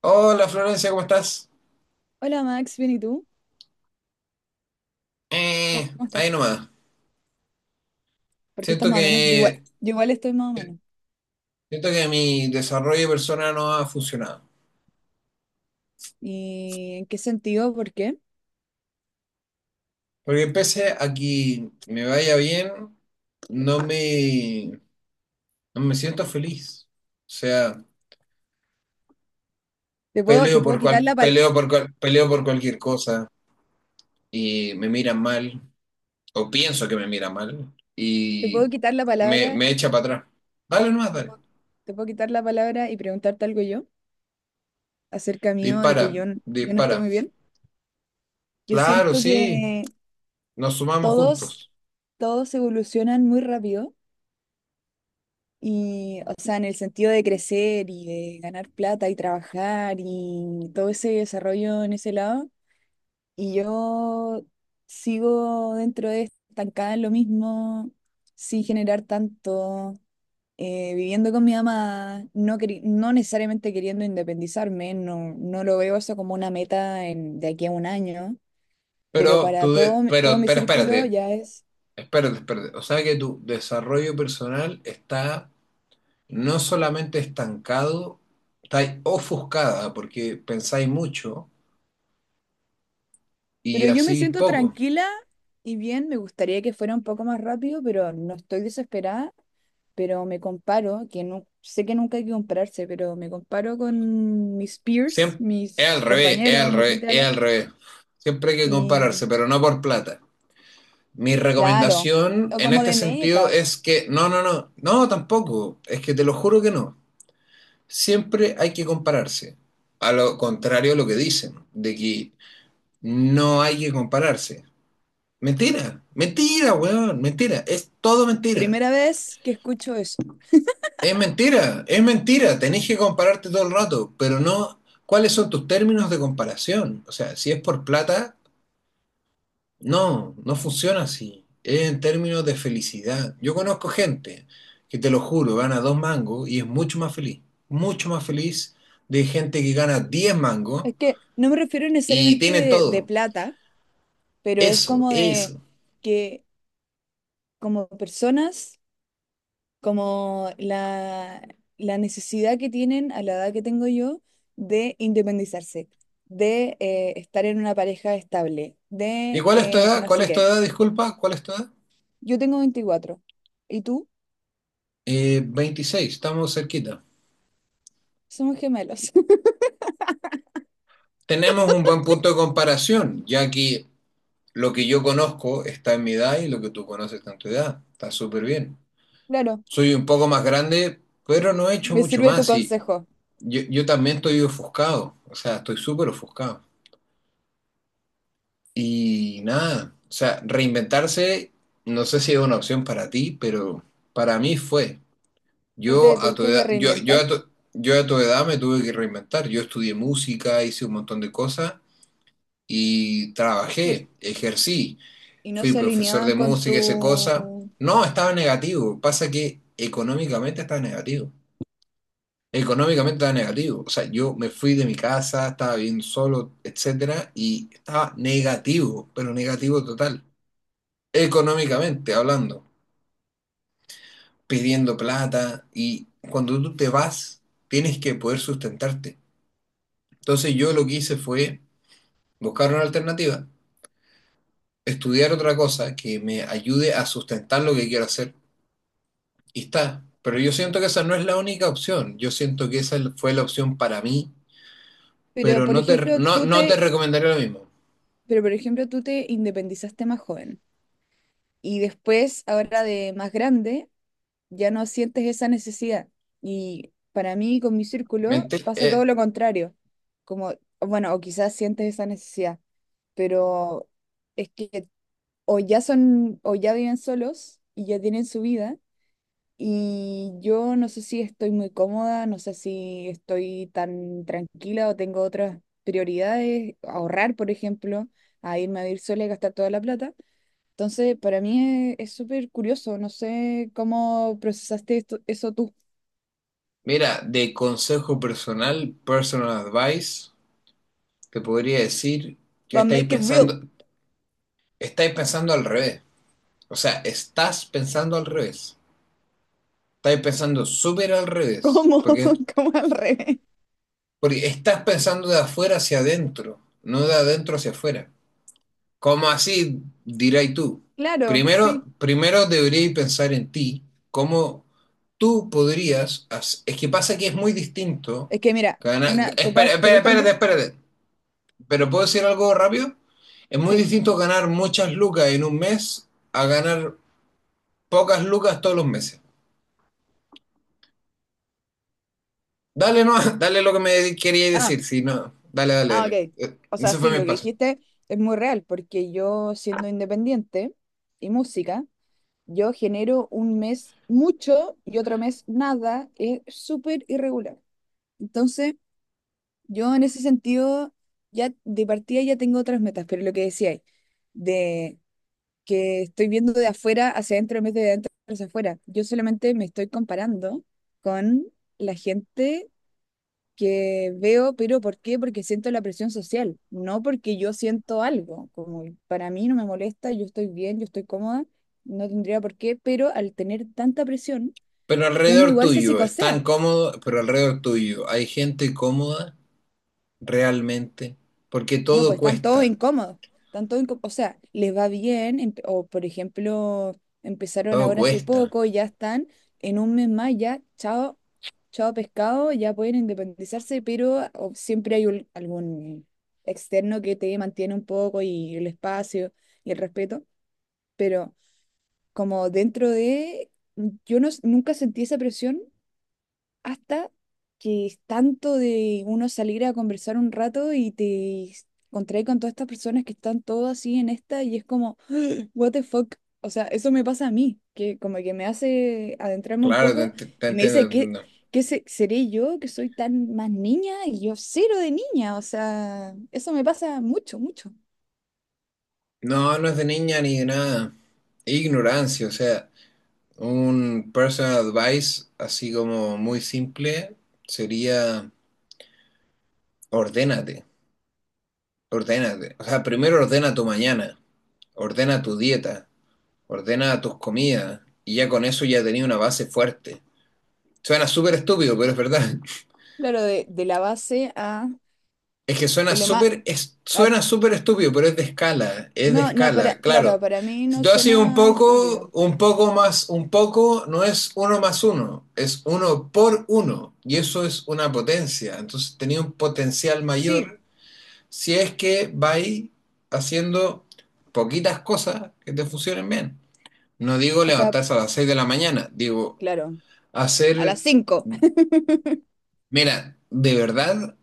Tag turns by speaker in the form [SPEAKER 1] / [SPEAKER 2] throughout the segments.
[SPEAKER 1] Hola Florencia, ¿cómo estás?
[SPEAKER 2] Hola Max, bien, ¿y tú? ¿Cómo
[SPEAKER 1] Ahí
[SPEAKER 2] estás?
[SPEAKER 1] nomás.
[SPEAKER 2] ¿Por qué estás
[SPEAKER 1] Siento
[SPEAKER 2] más o menos? Yo igual,
[SPEAKER 1] que,
[SPEAKER 2] yo igual estoy más o menos.
[SPEAKER 1] Siento que mi desarrollo personal no ha funcionado.
[SPEAKER 2] ¿Y en qué sentido? ¿Por qué?
[SPEAKER 1] Porque pese a que me vaya bien, no me, no me siento feliz. O sea,
[SPEAKER 2] Te puedo quitar la pal-
[SPEAKER 1] peleo por cualquier cosa y me miran mal, o pienso que me miran mal,
[SPEAKER 2] te
[SPEAKER 1] y
[SPEAKER 2] puedo quitar la palabra,
[SPEAKER 1] me echa para atrás. Dale nomás,
[SPEAKER 2] te
[SPEAKER 1] dale.
[SPEAKER 2] puedo, te puedo quitar la palabra y preguntarte algo yo acerca mío de
[SPEAKER 1] Dispara,
[SPEAKER 2] que yo no
[SPEAKER 1] dispara.
[SPEAKER 2] estoy muy bien. Yo
[SPEAKER 1] Claro,
[SPEAKER 2] siento
[SPEAKER 1] sí,
[SPEAKER 2] que
[SPEAKER 1] nos sumamos
[SPEAKER 2] todos,
[SPEAKER 1] juntos.
[SPEAKER 2] todos evolucionan muy rápido y, o sea, en el sentido de crecer y de ganar plata y trabajar y todo ese desarrollo en ese lado. Y yo sigo dentro de estancada en lo mismo, sin generar tanto, viviendo con mi mamá, no, no necesariamente queriendo independizarme, no, no lo veo eso como una meta de aquí a un año, pero
[SPEAKER 1] Pero tú,
[SPEAKER 2] para
[SPEAKER 1] de-
[SPEAKER 2] todo, todo
[SPEAKER 1] pero,
[SPEAKER 2] mi
[SPEAKER 1] pero
[SPEAKER 2] círculo
[SPEAKER 1] espérate,
[SPEAKER 2] ya es...
[SPEAKER 1] espérate. O sea que tu desarrollo personal está no solamente estancado, está ofuscada porque pensáis mucho y
[SPEAKER 2] Pero yo me
[SPEAKER 1] así
[SPEAKER 2] siento
[SPEAKER 1] poco.
[SPEAKER 2] tranquila y bien, me gustaría que fuera un poco más rápido, pero no estoy desesperada. Pero me comparo, que no, sé que nunca hay que compararse, pero me comparo con mis peers,
[SPEAKER 1] Siempre,
[SPEAKER 2] mis compañeros, mi gente de al
[SPEAKER 1] es
[SPEAKER 2] lado,
[SPEAKER 1] al revés. Siempre hay que
[SPEAKER 2] y
[SPEAKER 1] compararse, pero no por plata. Mi
[SPEAKER 2] claro,
[SPEAKER 1] recomendación
[SPEAKER 2] o
[SPEAKER 1] en
[SPEAKER 2] como
[SPEAKER 1] este
[SPEAKER 2] de
[SPEAKER 1] sentido
[SPEAKER 2] metas.
[SPEAKER 1] es que, no, tampoco. Es que te lo juro que no. Siempre hay que compararse. A lo contrario a lo que dicen, de que no hay que compararse. Mentira, mentira, weón, mentira. Es todo mentira.
[SPEAKER 2] Primera vez que escucho eso.
[SPEAKER 1] Es mentira, es mentira. Tenés que compararte todo el rato, pero no. ¿Cuáles son tus términos de comparación? O sea, si es por plata, no, no funciona así. Es en términos de felicidad. Yo conozco gente que te lo juro, gana dos mangos y es mucho más feliz. Mucho más feliz de gente que gana 10 mangos
[SPEAKER 2] Es que no me refiero
[SPEAKER 1] y
[SPEAKER 2] necesariamente
[SPEAKER 1] tienen
[SPEAKER 2] de
[SPEAKER 1] todo.
[SPEAKER 2] plata, pero es
[SPEAKER 1] Eso,
[SPEAKER 2] como de
[SPEAKER 1] eso.
[SPEAKER 2] que como personas como la necesidad que tienen a la edad que tengo yo de independizarse, de estar en una pareja estable,
[SPEAKER 1] ¿Y
[SPEAKER 2] de
[SPEAKER 1] cuál es tu edad?
[SPEAKER 2] no
[SPEAKER 1] ¿Cuál
[SPEAKER 2] sé
[SPEAKER 1] es tu
[SPEAKER 2] qué.
[SPEAKER 1] edad? Disculpa, ¿cuál es tu edad?
[SPEAKER 2] Yo tengo 24 y tú
[SPEAKER 1] 26, estamos cerquita.
[SPEAKER 2] somos gemelos.
[SPEAKER 1] Tenemos un buen punto de comparación, ya que lo que yo conozco está en mi edad y lo que tú conoces está en tu edad. Está súper bien.
[SPEAKER 2] Claro,
[SPEAKER 1] Soy un poco más grande, pero no he hecho
[SPEAKER 2] me
[SPEAKER 1] mucho
[SPEAKER 2] sirve tu
[SPEAKER 1] más. Y
[SPEAKER 2] consejo.
[SPEAKER 1] yo también estoy ofuscado, o sea, estoy súper ofuscado. Y nada, o sea, reinventarse, no sé si es una opción para ti, pero para mí fue.
[SPEAKER 2] Tú te
[SPEAKER 1] Yo a tu
[SPEAKER 2] tuviste que
[SPEAKER 1] edad, yo, yo
[SPEAKER 2] reinventar
[SPEAKER 1] a tu- yo a tu edad me tuve que reinventar. Yo estudié música, hice un montón de cosas y
[SPEAKER 2] no s-
[SPEAKER 1] trabajé, ejercí,
[SPEAKER 2] y no
[SPEAKER 1] fui
[SPEAKER 2] se
[SPEAKER 1] profesor
[SPEAKER 2] alineaban
[SPEAKER 1] de
[SPEAKER 2] con
[SPEAKER 1] música, esa cosa.
[SPEAKER 2] tu...
[SPEAKER 1] No, estaba negativo. Pasa que económicamente estaba negativo. Económicamente estaba negativo. O sea, yo me fui de mi casa, estaba bien solo, etcétera, y estaba negativo, pero negativo total. Económicamente hablando, pidiendo plata y cuando tú te vas, tienes que poder sustentarte. Entonces yo lo que hice fue buscar una alternativa, estudiar otra cosa que me ayude a sustentar lo que quiero hacer. Y está. Pero yo siento que esa no es la única opción. Yo siento que esa fue la opción para mí,
[SPEAKER 2] Pero,
[SPEAKER 1] pero
[SPEAKER 2] por ejemplo, tú
[SPEAKER 1] no te
[SPEAKER 2] te...
[SPEAKER 1] recomendaría lo mismo.
[SPEAKER 2] Pero, por ejemplo, tú te independizaste más joven. Y después, ahora de más grande, ya no sientes esa necesidad. Y para mí, con mi
[SPEAKER 1] ¿Me
[SPEAKER 2] círculo,
[SPEAKER 1] entiendes?
[SPEAKER 2] pasa todo lo contrario. Como, bueno, o quizás sientes esa necesidad, pero es que o ya son, o ya viven solos y ya tienen su vida. Y yo no sé si estoy muy cómoda, no sé si estoy tan tranquila o tengo otras prioridades, ahorrar, por ejemplo, a irme a vivir sola y gastar toda la plata. Entonces, para mí es súper curioso. No sé cómo procesaste esto, eso tú.
[SPEAKER 1] Mira, de consejo personal, personal advice, te podría decir que
[SPEAKER 2] But make it real.
[SPEAKER 1] estáis pensando al revés. O sea, estás pensando al revés. Estáis pensando súper al revés.
[SPEAKER 2] ¿Cómo? ¿Cómo al revés?
[SPEAKER 1] Porque estás pensando de afuera hacia adentro, no de adentro hacia afuera. ¿Cómo así? Dirás tú.
[SPEAKER 2] Claro, sí.
[SPEAKER 1] Primero deberías pensar en ti, cómo tú Es que pasa que es muy distinto.
[SPEAKER 2] Es que mira,
[SPEAKER 1] Ganar...
[SPEAKER 2] una, ¿te puedo,
[SPEAKER 1] Espera,
[SPEAKER 2] te puedo
[SPEAKER 1] espera, espérate,
[SPEAKER 2] interrumpir?
[SPEAKER 1] espérate. ¿Pero puedo decir algo rápido? Es muy
[SPEAKER 2] Sí.
[SPEAKER 1] distinto ganar muchas lucas en un mes a ganar pocas lucas todos los meses. Dale, no, dale lo que me quería
[SPEAKER 2] Ah,
[SPEAKER 1] decir, si no, dale,
[SPEAKER 2] ah,
[SPEAKER 1] dale.
[SPEAKER 2] ok. O sea,
[SPEAKER 1] Ese fue
[SPEAKER 2] sí,
[SPEAKER 1] mi
[SPEAKER 2] lo que
[SPEAKER 1] espacio.
[SPEAKER 2] dijiste es muy real, porque yo siendo independiente y música, yo genero un mes mucho y otro mes nada. Es súper irregular. Entonces... Yo en ese sentido, ya de partida ya tengo otras metas, pero lo que decía de que estoy viendo de afuera hacia adentro en vez de adentro hacia afuera, yo solamente me estoy comparando con la gente que veo, pero ¿por qué? Porque siento la presión social, no porque yo siento algo, como para mí no me molesta, yo estoy bien, yo estoy cómoda, no tendría por qué, pero al tener tanta presión,
[SPEAKER 1] Pero
[SPEAKER 2] uno
[SPEAKER 1] alrededor
[SPEAKER 2] igual se
[SPEAKER 1] tuyo, están
[SPEAKER 2] psicosea.
[SPEAKER 1] cómodos, pero alrededor tuyo, ¿hay gente cómoda? Realmente, porque
[SPEAKER 2] No,
[SPEAKER 1] todo
[SPEAKER 2] pues están todos
[SPEAKER 1] cuesta,
[SPEAKER 2] incómodos. O sea, les va bien, o por ejemplo, empezaron
[SPEAKER 1] todo
[SPEAKER 2] ahora hace
[SPEAKER 1] cuesta.
[SPEAKER 2] poco y ya están en un mes más, ya, chao, chao pescado, ya pueden independizarse, pero o siempre hay algún externo que te mantiene un poco y el espacio y el respeto. Pero como dentro de, yo no, s- nunca sentí esa presión hasta que es tanto de uno salir a conversar un rato y te encontré con todas estas personas que están todas así en esta y es como, what the fuck. O sea, eso me pasa a mí, que como que me hace adentrarme un
[SPEAKER 1] Claro,
[SPEAKER 2] poco
[SPEAKER 1] te
[SPEAKER 2] y me
[SPEAKER 1] entiendo, te
[SPEAKER 2] dice qué
[SPEAKER 1] entiendo.
[SPEAKER 2] qué se- seré yo que soy tan más niña y yo cero de niña. O sea, eso me pasa mucho, mucho.
[SPEAKER 1] No, no es de niña ni de nada. Ignorancia, o sea, un personal advice así como muy simple sería ordénate, ordénate. O sea, primero ordena tu mañana, ordena tu dieta, ordena tus comidas y ya con eso ya tenía una base fuerte. Suena súper estúpido, pero es verdad.
[SPEAKER 2] Claro, de, la base a
[SPEAKER 1] Es que suena
[SPEAKER 2] de lo más...
[SPEAKER 1] súper, es-
[SPEAKER 2] pa-
[SPEAKER 1] Suena súper estúpido, pero es de
[SPEAKER 2] no, no, para,
[SPEAKER 1] escala,
[SPEAKER 2] claro,
[SPEAKER 1] claro.
[SPEAKER 2] para mí
[SPEAKER 1] Si
[SPEAKER 2] no
[SPEAKER 1] tú haces
[SPEAKER 2] suena estúpido.
[SPEAKER 1] un poco más, un poco no es uno más uno, es uno por uno, y eso es una potencia. Entonces tenía un potencial
[SPEAKER 2] Sí,
[SPEAKER 1] mayor si es que vais haciendo poquitas cosas que te funcionen bien. No digo
[SPEAKER 2] o sea,
[SPEAKER 1] levantarse a las 6 de la mañana, digo
[SPEAKER 2] claro. a las
[SPEAKER 1] hacer...
[SPEAKER 2] cinco,
[SPEAKER 1] Mira, de verdad,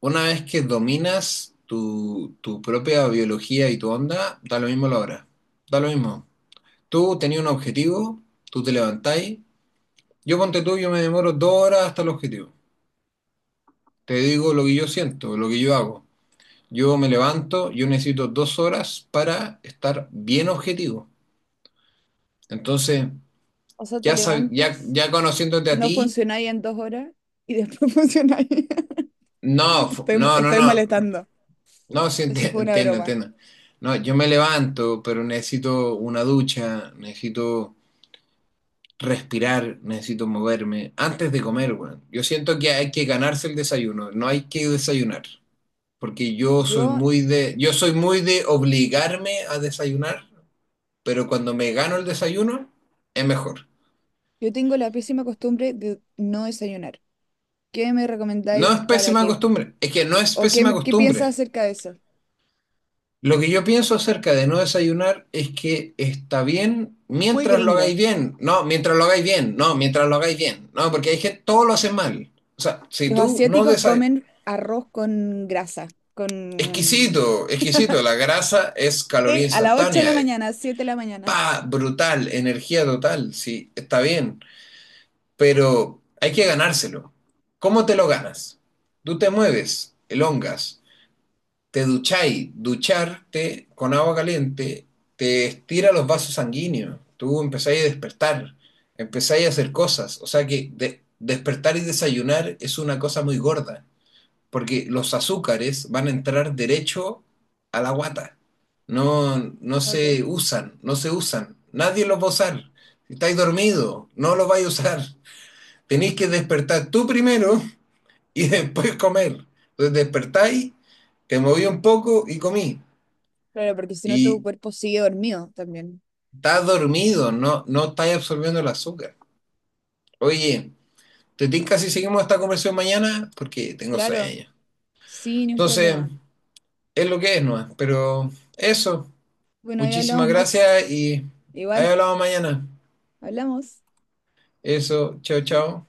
[SPEAKER 1] una vez que dominas tu propia biología y tu onda, da lo mismo la hora. Da lo mismo. Tú tenías un objetivo, tú te levantáis. Yo ponte tú, yo me demoro dos horas hasta el objetivo. Te digo lo que yo siento, lo que yo hago. Yo me levanto, yo necesito dos horas para estar bien objetivo. Entonces,
[SPEAKER 2] o sea, te levantas,
[SPEAKER 1] ya conociéndote a
[SPEAKER 2] no
[SPEAKER 1] ti,
[SPEAKER 2] funcionáis en 2 horas y después funcionáis. Estoy, estoy
[SPEAKER 1] no.
[SPEAKER 2] molestando.
[SPEAKER 1] No, sí,
[SPEAKER 2] Eso fue una
[SPEAKER 1] entiendo,
[SPEAKER 2] broma.
[SPEAKER 1] entiendo. No, yo me levanto, pero necesito una ducha, necesito respirar, necesito moverme antes de comer, weón. Yo siento que hay que ganarse el desayuno, no hay que desayunar, porque yo soy
[SPEAKER 2] Yo,
[SPEAKER 1] muy yo soy muy de obligarme a desayunar, pero cuando me gano el desayuno es mejor.
[SPEAKER 2] yo tengo la pésima costumbre de no desayunar. ¿Qué me
[SPEAKER 1] No es
[SPEAKER 2] recomendáis para
[SPEAKER 1] pésima
[SPEAKER 2] que,
[SPEAKER 1] costumbre, es que no es
[SPEAKER 2] o qué,
[SPEAKER 1] pésima
[SPEAKER 2] qué piensas
[SPEAKER 1] costumbre.
[SPEAKER 2] acerca de eso?
[SPEAKER 1] Lo que yo pienso acerca de no desayunar es que está bien
[SPEAKER 2] Muy
[SPEAKER 1] mientras lo hagáis
[SPEAKER 2] gringo.
[SPEAKER 1] bien. No, mientras lo hagáis bien. No, Mientras lo hagáis bien. No, porque hay gente, todo lo hace mal. O sea, si
[SPEAKER 2] Los
[SPEAKER 1] tú no
[SPEAKER 2] asiáticos
[SPEAKER 1] desayunas...
[SPEAKER 2] comen arroz con grasa, con
[SPEAKER 1] Exquisito, exquisito. La grasa es caloría
[SPEAKER 2] de a las 8 de
[SPEAKER 1] instantánea.
[SPEAKER 2] la mañana, 7 de la mañana.
[SPEAKER 1] Pa, brutal, energía total. Sí, está bien. Pero hay que ganárselo. ¿Cómo te lo ganas? Tú te mueves, elongas, te ducháis, ducharte con agua caliente te estira los vasos sanguíneos, tú empezáis a despertar, empezáis a hacer cosas, o sea que despertar y desayunar es una cosa muy gorda, porque los azúcares van a entrar derecho a la guata,
[SPEAKER 2] Ok.
[SPEAKER 1] no se usan, nadie los va a usar, si estáis dormido, no los vais a usar, tenéis que despertar tú primero y después comer. Entonces despertáis, te moví un poco y comí.
[SPEAKER 2] Claro, porque si no tu
[SPEAKER 1] Y
[SPEAKER 2] cuerpo sigue dormido también.
[SPEAKER 1] estás dormido, no estás absorbiendo el azúcar. Oye, te tinca si seguimos esta conversación mañana porque tengo
[SPEAKER 2] Claro,
[SPEAKER 1] sueño.
[SPEAKER 2] sí, ni un
[SPEAKER 1] Entonces,
[SPEAKER 2] problema.
[SPEAKER 1] es lo que es, ¿no? Pero eso,
[SPEAKER 2] Bueno, ahí
[SPEAKER 1] muchísimas
[SPEAKER 2] hablamos, Max.
[SPEAKER 1] gracias y ahí
[SPEAKER 2] Igual,
[SPEAKER 1] hablamos mañana.
[SPEAKER 2] hablamos.
[SPEAKER 1] Eso, chao, chao.